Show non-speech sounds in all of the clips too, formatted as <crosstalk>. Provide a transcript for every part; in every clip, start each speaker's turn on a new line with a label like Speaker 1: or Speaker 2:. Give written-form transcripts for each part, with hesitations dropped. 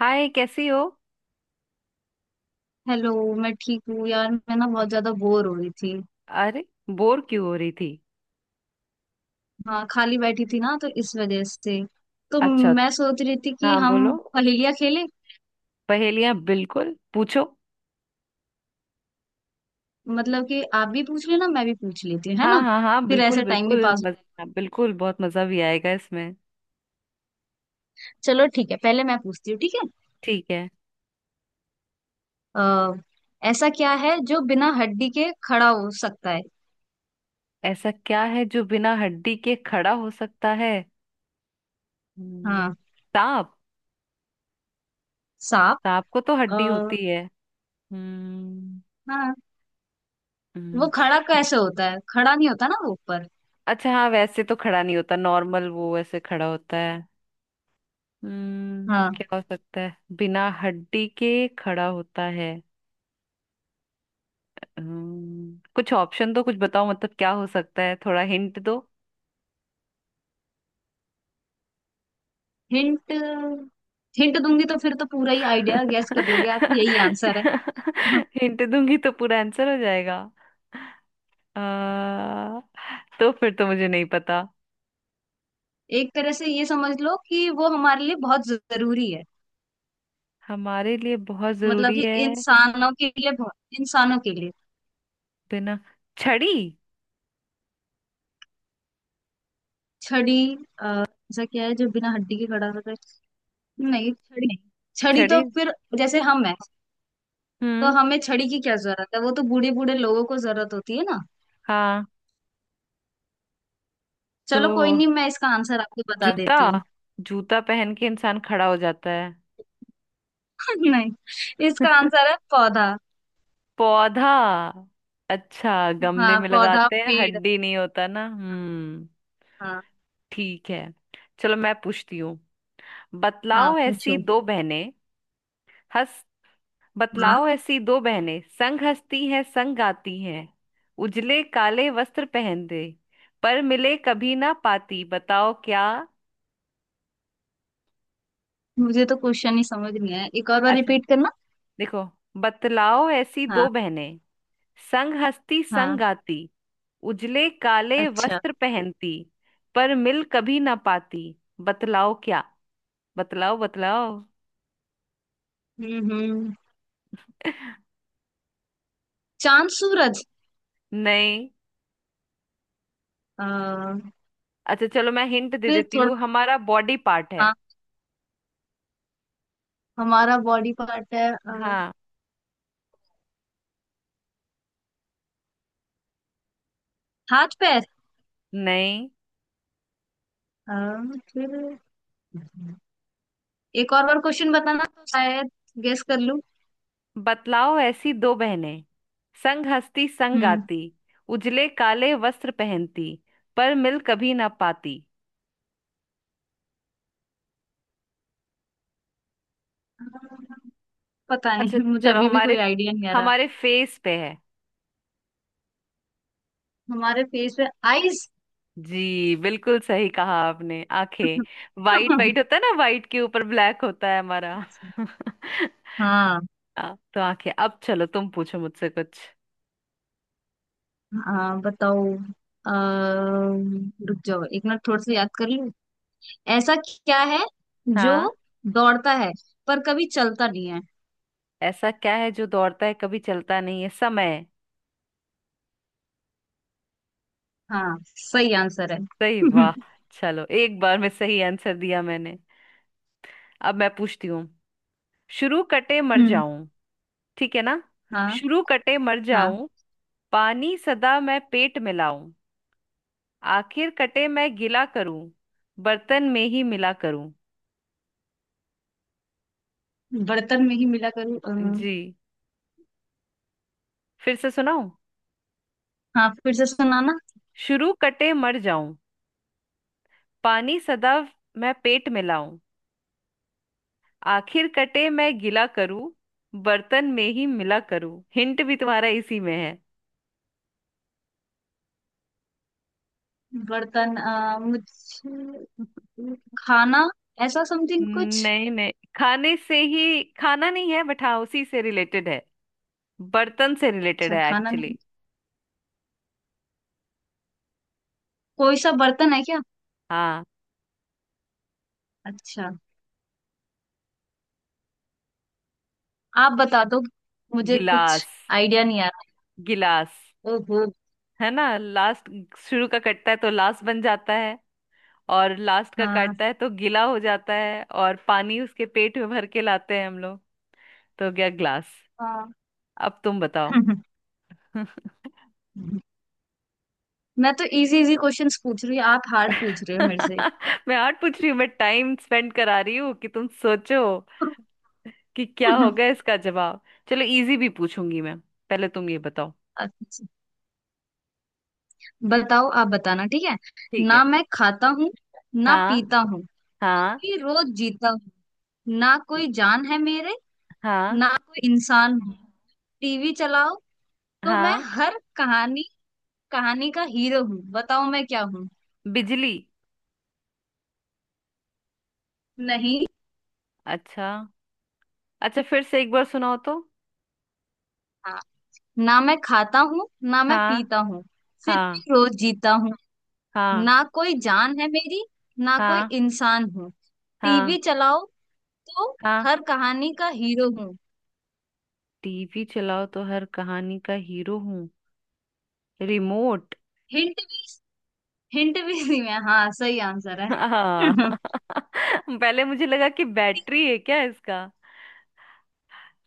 Speaker 1: हाय, कैसी हो?
Speaker 2: हेलो। मैं ठीक हूँ यार मैं ना बहुत ज्यादा बोर हो रही थी।
Speaker 1: अरे, बोर क्यों हो रही थी?
Speaker 2: हाँ खाली बैठी थी ना तो इस वजह से। तो
Speaker 1: अच्छा।
Speaker 2: मैं सोच रही थी कि
Speaker 1: हाँ,
Speaker 2: हम
Speaker 1: बोलो।
Speaker 2: पहेलियाँ खेलें।
Speaker 1: पहेलियां बिल्कुल पूछो।
Speaker 2: मतलब कि आप भी पूछ लेना मैं भी पूछ लेती हूँ है
Speaker 1: हाँ
Speaker 2: ना।
Speaker 1: हाँ हाँ,
Speaker 2: फिर
Speaker 1: बिल्कुल
Speaker 2: ऐसे टाइम भी
Speaker 1: बिल्कुल
Speaker 2: पास हो जाएगा।
Speaker 1: हाँ, बिल्कुल बहुत मजा भी आएगा इसमें।
Speaker 2: चलो ठीक है पहले मैं पूछती हूँ ठीक है।
Speaker 1: ठीक है।
Speaker 2: आ, ऐसा क्या है जो बिना हड्डी के खड़ा हो सकता है?
Speaker 1: ऐसा क्या है जो बिना हड्डी के खड़ा हो सकता है? हम्म,
Speaker 2: हाँ।
Speaker 1: सांप।
Speaker 2: सांप।
Speaker 1: सांप को तो
Speaker 2: आ,
Speaker 1: हड्डी होती है। हम्म
Speaker 2: हाँ। वो
Speaker 1: हम्म,
Speaker 2: खड़ा कैसे होता है खड़ा नहीं होता ना वो ऊपर।
Speaker 1: अच्छा हाँ, वैसे तो खड़ा नहीं होता नॉर्मल, वो ऐसे खड़ा होता है।
Speaker 2: हाँ,
Speaker 1: क्या हो सकता है बिना हड्डी के खड़ा होता है? कुछ ऑप्शन दो, कुछ बताओ, मतलब क्या हो सकता है, थोड़ा हिंट दो।
Speaker 2: हिंट। हिंट दूंगी तो फिर तो पूरा ही आइडिया गैस कर लोगे आप यही आंसर है।
Speaker 1: <laughs>
Speaker 2: <laughs>
Speaker 1: हिंट दूंगी तो पूरा आंसर हो जाएगा। आ, तो फिर तो मुझे नहीं पता।
Speaker 2: एक तरह से ये समझ लो कि वो हमारे लिए बहुत जरूरी है।
Speaker 1: हमारे लिए बहुत
Speaker 2: मतलब
Speaker 1: जरूरी
Speaker 2: कि
Speaker 1: है?
Speaker 2: इंसानों के लिए बहुत। इंसानों के लिए।
Speaker 1: बिना छड़ी।
Speaker 2: छड़ी। ऐसा क्या है जो बिना हड्डी के खड़ा होता है? नहीं छड़ी नहीं। छड़ी तो
Speaker 1: छड़ी।
Speaker 2: फिर। जैसे हम है। तो
Speaker 1: हम्म
Speaker 2: हमें छड़ी की क्या जरूरत है वो तो बूढ़े बूढ़े लोगों को जरूरत होती है ना।
Speaker 1: हाँ, तो
Speaker 2: चलो कोई नहीं मैं इसका आंसर आपको बता
Speaker 1: जूता,
Speaker 2: देती हूँ।
Speaker 1: जूता पहन के इंसान खड़ा हो जाता है।
Speaker 2: <laughs> नहीं। इसका
Speaker 1: <laughs>
Speaker 2: आंसर है पौधा।
Speaker 1: पौधा। अच्छा, गमले
Speaker 2: हाँ
Speaker 1: में
Speaker 2: पौधा
Speaker 1: लगाते हैं,
Speaker 2: पेड़।
Speaker 1: हड्डी नहीं होता ना।
Speaker 2: हाँ।
Speaker 1: ठीक है। चलो मैं पूछती हूँ।
Speaker 2: हाँ
Speaker 1: बतलाओ ऐसी
Speaker 2: पूछो।
Speaker 1: दो बहनें, हंस,
Speaker 2: हाँ।
Speaker 1: बतलाओ ऐसी दो बहनें संग हंसती हैं, संग गाती हैं, उजले काले वस्त्र पहनते, पर मिले कभी ना पाती। बताओ क्या?
Speaker 2: मुझे तो क्वेश्चन ही समझ नहीं आया एक और बार
Speaker 1: अच्छा,
Speaker 2: रिपीट करना।
Speaker 1: देखो, बतलाओ ऐसी
Speaker 2: हाँ।
Speaker 1: दो बहनें, संग हंसती संग
Speaker 2: हाँ।
Speaker 1: गाती, उजले काले
Speaker 2: अच्छा।
Speaker 1: वस्त्र पहनती, पर मिल कभी ना पाती। बतलाओ क्या? बतलाओ बतलाओ।
Speaker 2: हम्म, हम्म।
Speaker 1: <laughs>
Speaker 2: चांद सूरज।
Speaker 1: नहीं।
Speaker 2: अ,
Speaker 1: अच्छा चलो, मैं हिंट दे
Speaker 2: फिर
Speaker 1: देती
Speaker 2: थोड़ा।
Speaker 1: हूँ, हमारा बॉडी पार्ट है।
Speaker 2: हाँ। हमारा बॉडी पार्ट है
Speaker 1: हाँ।
Speaker 2: हाथ पैर।
Speaker 1: नहीं।
Speaker 2: अ, फिर एक और बार क्वेश्चन बताना तो शायद गेस कर लूं।
Speaker 1: बतलाओ ऐसी दो बहनें, संग हंसती संग
Speaker 2: हम्म।
Speaker 1: गाती, उजले काले वस्त्र पहनती, पर मिल कभी ना पाती।
Speaker 2: पता
Speaker 1: अच्छा
Speaker 2: नहीं मुझे
Speaker 1: चलो,
Speaker 2: अभी भी कोई
Speaker 1: हमारे
Speaker 2: आइडिया नहीं आ रहा।
Speaker 1: हमारे फेस पे है।
Speaker 2: हमारे फेस पे। आईज।
Speaker 1: जी बिल्कुल सही कहा आपने, आंखें। वाइट
Speaker 2: <laughs>
Speaker 1: वाइट होता है ना, वाइट के ऊपर ब्लैक होता है हमारा। <laughs>
Speaker 2: हाँ।
Speaker 1: हाँ, तो आंखें। अब चलो, तुम पूछो मुझसे कुछ।
Speaker 2: हाँ बताओ। रुक जाओ एक मिनट थोड़ा सा याद कर लूं। ऐसा क्या है जो
Speaker 1: हाँ।
Speaker 2: दौड़ता है पर कभी चलता नहीं है?
Speaker 1: ऐसा क्या है जो दौड़ता है कभी चलता नहीं है? समय।
Speaker 2: हाँ सही आंसर है।
Speaker 1: सही,
Speaker 2: <laughs> हम्म।
Speaker 1: वाह, चलो, एक बार में सही आंसर दिया मैंने। अब मैं पूछती हूँ। शुरू कटे मर जाऊं, ठीक है ना?
Speaker 2: हाँ।
Speaker 1: शुरू कटे मर
Speaker 2: हाँ।
Speaker 1: जाऊं, पानी सदा मैं पेट मिलाऊं, आखिर कटे मैं गिला करूं, बर्तन में ही मिला करूं।
Speaker 2: बर्तन में ही मिला करूँ।
Speaker 1: जी, फिर से सुनाऊं।
Speaker 2: हाँ फिर से सुनाना।
Speaker 1: शुरू कटे मर जाऊं, पानी सदा मैं पेट मिलाऊं, आखिर कटे मैं गिला करूं, बर्तन में ही मिला करूं। हिंट भी तुम्हारा इसी में है।
Speaker 2: बर्तन। मुझे
Speaker 1: <laughs>
Speaker 2: खाना ऐसा समथिंग कुछ।
Speaker 1: नहीं नहीं, खाने से ही खाना नहीं है, बट हाँ उसी से रिलेटेड है। बर्तन से रिलेटेड
Speaker 2: अच्छा
Speaker 1: है
Speaker 2: खाना नहीं।
Speaker 1: एक्चुअली।
Speaker 2: कोई सा बर्तन है क्या?
Speaker 1: हाँ।
Speaker 2: अच्छा। आप बता दो। मुझे कुछ
Speaker 1: गिलास।
Speaker 2: आइडिया नहीं आ रहा।
Speaker 1: गिलास,
Speaker 2: ओहो।
Speaker 1: है ना? लास्ट, शुरू का कटता है तो लास्ट बन जाता है, और लास्ट का
Speaker 2: हाँ।
Speaker 1: काटता है तो गीला हो जाता है, और पानी उसके पेट में भर के लाते हैं हम लोग। तो हो गया ग्लास।
Speaker 2: हाँ।
Speaker 1: अब तुम बताओ।
Speaker 2: <laughs>
Speaker 1: <laughs>
Speaker 2: मैं तो इजी इजी क्वेश्चंस पूछ रही हूँ आप हार्ड पूछ रहे हो मेरे से।
Speaker 1: मैं आर्ट पूछ रही हूँ, मैं टाइम स्पेंड करा रही हूँ कि तुम सोचो कि क्या होगा
Speaker 2: <laughs>
Speaker 1: इसका जवाब। चलो, इजी भी पूछूंगी मैं, पहले तुम ये बताओ।
Speaker 2: अच्छा। बताओ आप बताना ठीक है।
Speaker 1: ठीक है।
Speaker 2: ना मैं खाता हूँ ना
Speaker 1: हाँ।
Speaker 2: पीता हूँ
Speaker 1: हाँ।
Speaker 2: फिर रोज जीता हूँ। ना कोई जान है मेरे
Speaker 1: हाँ।
Speaker 2: ना कोई इंसान हूँ। टीवी चलाओ तो मैं
Speaker 1: हाँ।
Speaker 2: हर कहानी कहानी का हीरो हूँ। बताओ मैं क्या हूँ?
Speaker 1: बिजली।
Speaker 2: नहीं।
Speaker 1: अच्छा, अच्छा फिर से एक बार सुनाओ तो।
Speaker 2: हाँ। ना मैं खाता हूँ ना मैं
Speaker 1: हाँ।
Speaker 2: पीता हूँ फिर भी
Speaker 1: हाँ।
Speaker 2: रोज जीता हूँ।
Speaker 1: हाँ।
Speaker 2: ना कोई जान है मेरी ना कोई
Speaker 1: हाँ।
Speaker 2: इंसान हूँ।
Speaker 1: हाँ।
Speaker 2: टीवी चलाओ तो
Speaker 1: हाँ।
Speaker 2: हर कहानी का हीरो हूँ।
Speaker 1: टीवी चलाओ तो हर कहानी का हीरो हूँ। रिमोट।
Speaker 2: हिंट भी। हिंट भी दी मैं हाँ सही आंसर है।
Speaker 1: हाँ।
Speaker 2: <laughs>
Speaker 1: <laughs> पहले मुझे लगा कि बैटरी है क्या इसका,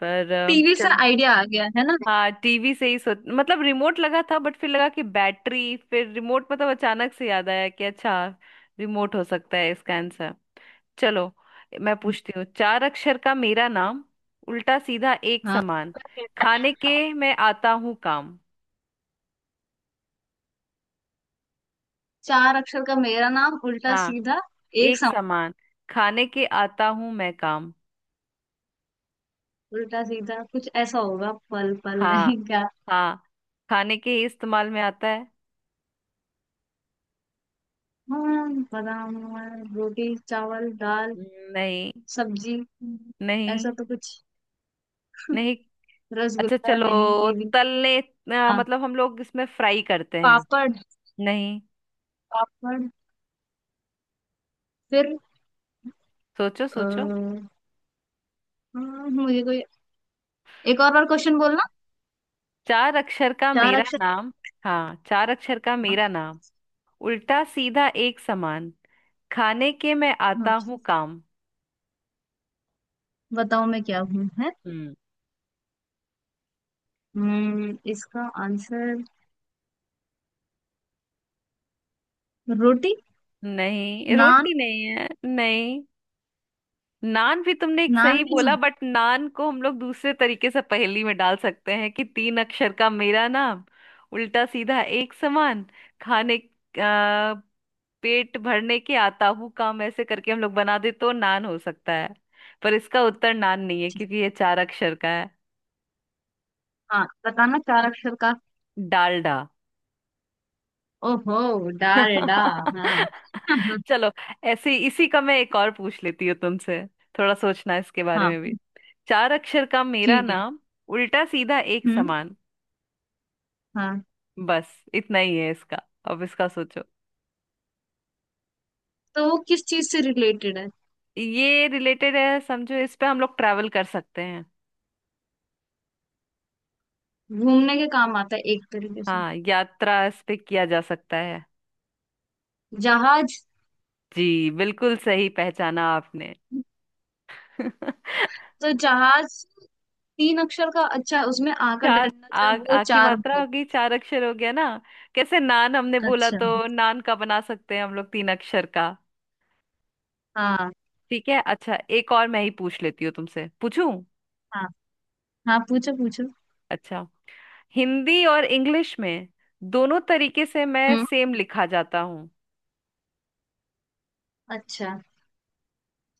Speaker 1: पर
Speaker 2: टीवी से
Speaker 1: चल।
Speaker 2: आइडिया आ गया है ना।
Speaker 1: हाँ, टीवी से ही सोच मतलब, रिमोट लगा था बट फिर लगा कि बैटरी, फिर रिमोट मतलब अचानक से याद आया कि अच्छा, रिमोट हो सकता है इसका आंसर। चलो, मैं पूछती हूँ, चार अक्षर का मेरा नाम, उल्टा सीधा एक
Speaker 2: हाँ।
Speaker 1: समान, खाने के मैं आता हूँ काम।
Speaker 2: चार अक्षर का मेरा नाम उल्टा
Speaker 1: हाँ,
Speaker 2: सीधा एक
Speaker 1: एक
Speaker 2: सम।
Speaker 1: समान, खाने के आता हूँ मैं काम।
Speaker 2: उल्टा सीधा कुछ ऐसा होगा पल पल
Speaker 1: हाँ।
Speaker 2: नहीं क्या?
Speaker 1: हाँ, खाने के ही इस्तेमाल में आता है।
Speaker 2: हाँ बादाम रोटी चावल दाल
Speaker 1: नहीं।
Speaker 2: सब्जी। ऐसा
Speaker 1: नहीं।
Speaker 2: तो कुछ।
Speaker 1: नहीं। अच्छा
Speaker 2: रसगुल्ला
Speaker 1: चलो,
Speaker 2: नहीं ये भी।
Speaker 1: तलने,
Speaker 2: हाँ
Speaker 1: मतलब हम लोग इसमें फ्राई करते हैं।
Speaker 2: पापड़।
Speaker 1: नहीं।
Speaker 2: पापड़ फिर
Speaker 1: सोचो सोचो।
Speaker 2: अ, हाँ, मुझे कोई एक और बार क्वेश्चन बोलना।
Speaker 1: चार अक्षर का
Speaker 2: चार
Speaker 1: मेरा
Speaker 2: अक्षर।
Speaker 1: नाम, हाँ, चार अक्षर का
Speaker 2: हाँ।
Speaker 1: मेरा नाम, उल्टा सीधा एक समान, खाने के मैं
Speaker 2: हाँ
Speaker 1: आता हूँ काम।
Speaker 2: बताओ मैं क्या हूँ।
Speaker 1: हम्म
Speaker 2: इसका आंसर। रोटी।
Speaker 1: नहीं,
Speaker 2: नान।
Speaker 1: रोटी नहीं है। नहीं, नान भी तुमने एक सही
Speaker 2: नान भी
Speaker 1: बोला,
Speaker 2: नहीं।
Speaker 1: बट नान को हम लोग दूसरे तरीके से पहेली में डाल सकते हैं कि तीन अक्षर का मेरा नाम, उल्टा सीधा एक समान, खाने, आ, पेट भरने के आता हूँ काम, ऐसे करके हम लोग बना दे तो नान हो सकता है। पर इसका उत्तर नान नहीं है क्योंकि ये चार अक्षर का है।
Speaker 2: हाँ बताना चार अक्षर का।
Speaker 1: डालडा।
Speaker 2: ओहो डा रे डा। हाँ।
Speaker 1: <laughs>
Speaker 2: <laughs>
Speaker 1: चलो, ऐसे इसी का मैं एक और पूछ लेती हूँ तुमसे, थोड़ा सोचना इसके बारे
Speaker 2: हाँ।
Speaker 1: में भी। चार अक्षर का मेरा
Speaker 2: ठीक है।
Speaker 1: नाम, उल्टा सीधा एक
Speaker 2: हम्म।
Speaker 1: समान।
Speaker 2: हाँ।
Speaker 1: बस इतना ही है इसका। अब इसका सोचो।
Speaker 2: तो वो किस चीज से रिलेटेड है?
Speaker 1: ये रिलेटेड है, समझो इस पे हम लोग ट्रैवल कर सकते हैं।
Speaker 2: घूमने के काम आता है एक तरीके से।
Speaker 1: हाँ, यात्रा इस पे किया जा सकता है।
Speaker 2: जहाज।
Speaker 1: जी, बिल्कुल सही पहचाना आपने। <laughs>
Speaker 2: तो जहाज तीन अक्षर का अच्छा उसमें आ का
Speaker 1: चार
Speaker 2: डंडा जो
Speaker 1: आ,
Speaker 2: है वो
Speaker 1: आ की
Speaker 2: चार
Speaker 1: मात्रा
Speaker 2: होंगे।
Speaker 1: होगी, चार अक्षर हो गया ना। कैसे नान हमने बोला,
Speaker 2: अच्छा।
Speaker 1: तो नान का बना सकते हैं हम लोग तीन अक्षर का।
Speaker 2: हाँ।
Speaker 1: ठीक है। अच्छा, एक और मैं ही पूछ लेती हूँ तुमसे, पूछूं?
Speaker 2: हाँ हाँ पूछो पूछो।
Speaker 1: अच्छा, हिंदी और इंग्लिश में दोनों तरीके से मैं
Speaker 2: हम्म।
Speaker 1: सेम लिखा जाता हूँ।
Speaker 2: अच्छा।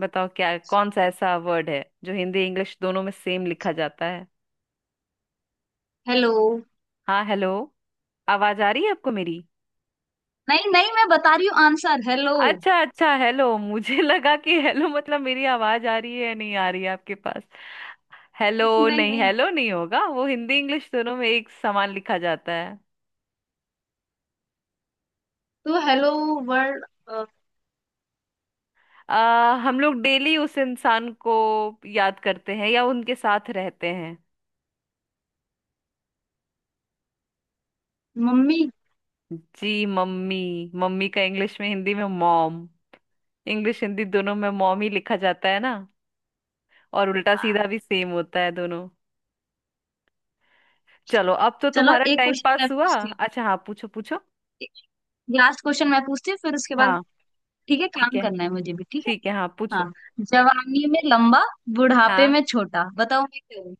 Speaker 1: बताओ क्या, कौन सा ऐसा वर्ड है जो हिंदी इंग्लिश दोनों में सेम लिखा जाता है?
Speaker 2: हेलो।
Speaker 1: हाँ, हेलो। आवाज आ रही है आपको मेरी?
Speaker 2: नहीं नहीं मैं बता रही हूँ आंसर हेलो। <laughs>
Speaker 1: अच्छा अच्छा, हेलो। मुझे <laughs> लगा कि हेलो मतलब मेरी आवाज आ रही है या नहीं आ रही है आपके पास। हेलो
Speaker 2: नहीं
Speaker 1: नहीं,
Speaker 2: नहीं।
Speaker 1: हेलो नहीं होगा वो। हिंदी इंग्लिश दोनों में एक समान लिखा जाता है।
Speaker 2: तो हेलो वर्ल्ड
Speaker 1: हम लोग डेली उस इंसान को याद करते हैं या उनके साथ रहते हैं।
Speaker 2: मम्मी।
Speaker 1: जी, मम्मी। मम्मी का इंग्लिश में, हिंदी में मॉम, इंग्लिश हिंदी दोनों में मॉम ही लिखा जाता है ना, और उल्टा सीधा
Speaker 2: हाँ,
Speaker 1: भी सेम होता है दोनों। चलो, अब तो
Speaker 2: चलो
Speaker 1: तुम्हारा
Speaker 2: एक
Speaker 1: टाइम
Speaker 2: क्वेश्चन मैं
Speaker 1: पास हुआ।
Speaker 2: पूछती
Speaker 1: अच्छा हाँ, पूछो पूछो।
Speaker 2: हूँ लास्ट क्वेश्चन मैं पूछती हूँ फिर उसके बाद
Speaker 1: हाँ।
Speaker 2: ठीक है
Speaker 1: ठीक
Speaker 2: काम
Speaker 1: है।
Speaker 2: करना है मुझे भी ठीक है।
Speaker 1: ठीक है, हाँ पूछो।
Speaker 2: हाँ। जवानी में लंबा बुढ़ापे
Speaker 1: हाँ।
Speaker 2: में छोटा बताओ मैं क्या हूँ?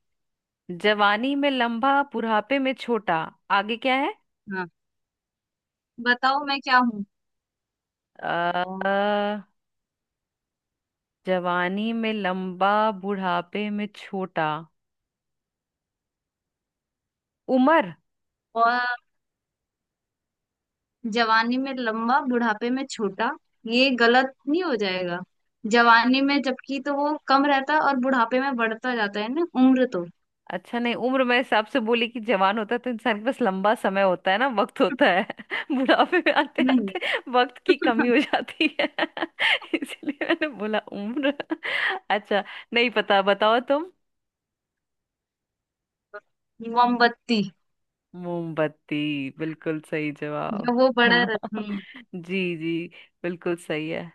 Speaker 1: जवानी में लंबा, बुढ़ापे में छोटा, आगे क्या है?
Speaker 2: हाँ बताओ मैं क्या हूँ।
Speaker 1: अ जवानी में लंबा, बुढ़ापे में छोटा, उम्र।
Speaker 2: और जवानी में लंबा बुढ़ापे में छोटा ये गलत नहीं हो जाएगा? जवानी में जबकि तो वो कम रहता है और बुढ़ापे में बढ़ता जाता है ना उम्र तो।
Speaker 1: अच्छा नहीं, उम्र में हिसाब से बोली कि जवान होता है तो इंसान के पास लंबा समय होता है ना, वक्त होता है, <laughs> बुढ़ापे में आते
Speaker 2: नहीं।
Speaker 1: आते वक्त की कमी
Speaker 2: <laughs>
Speaker 1: हो जाती है। <laughs> इसलिए मैंने बोला उम्र। <laughs> अच्छा, नहीं पता, बताओ तुम।
Speaker 2: मोमबत्ती।
Speaker 1: मोमबत्ती। बिल्कुल सही जवाब।
Speaker 2: जब वो बड़ा
Speaker 1: हाँ,
Speaker 2: रहता। हम्म।
Speaker 1: जी जी, बिल्कुल सही है।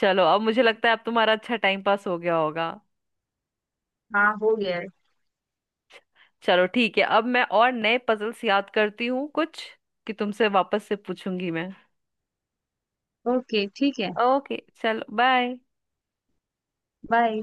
Speaker 1: चलो, अब मुझे लगता है अब तुम्हारा अच्छा टाइम पास हो गया होगा।
Speaker 2: हाँ हो गया है।
Speaker 1: चलो ठीक है, अब मैं और नए पजल्स याद करती हूँ कुछ, कि तुमसे वापस से पूछूंगी मैं।
Speaker 2: ओके ठीक है।
Speaker 1: ओके चलो, बाय।
Speaker 2: बाय।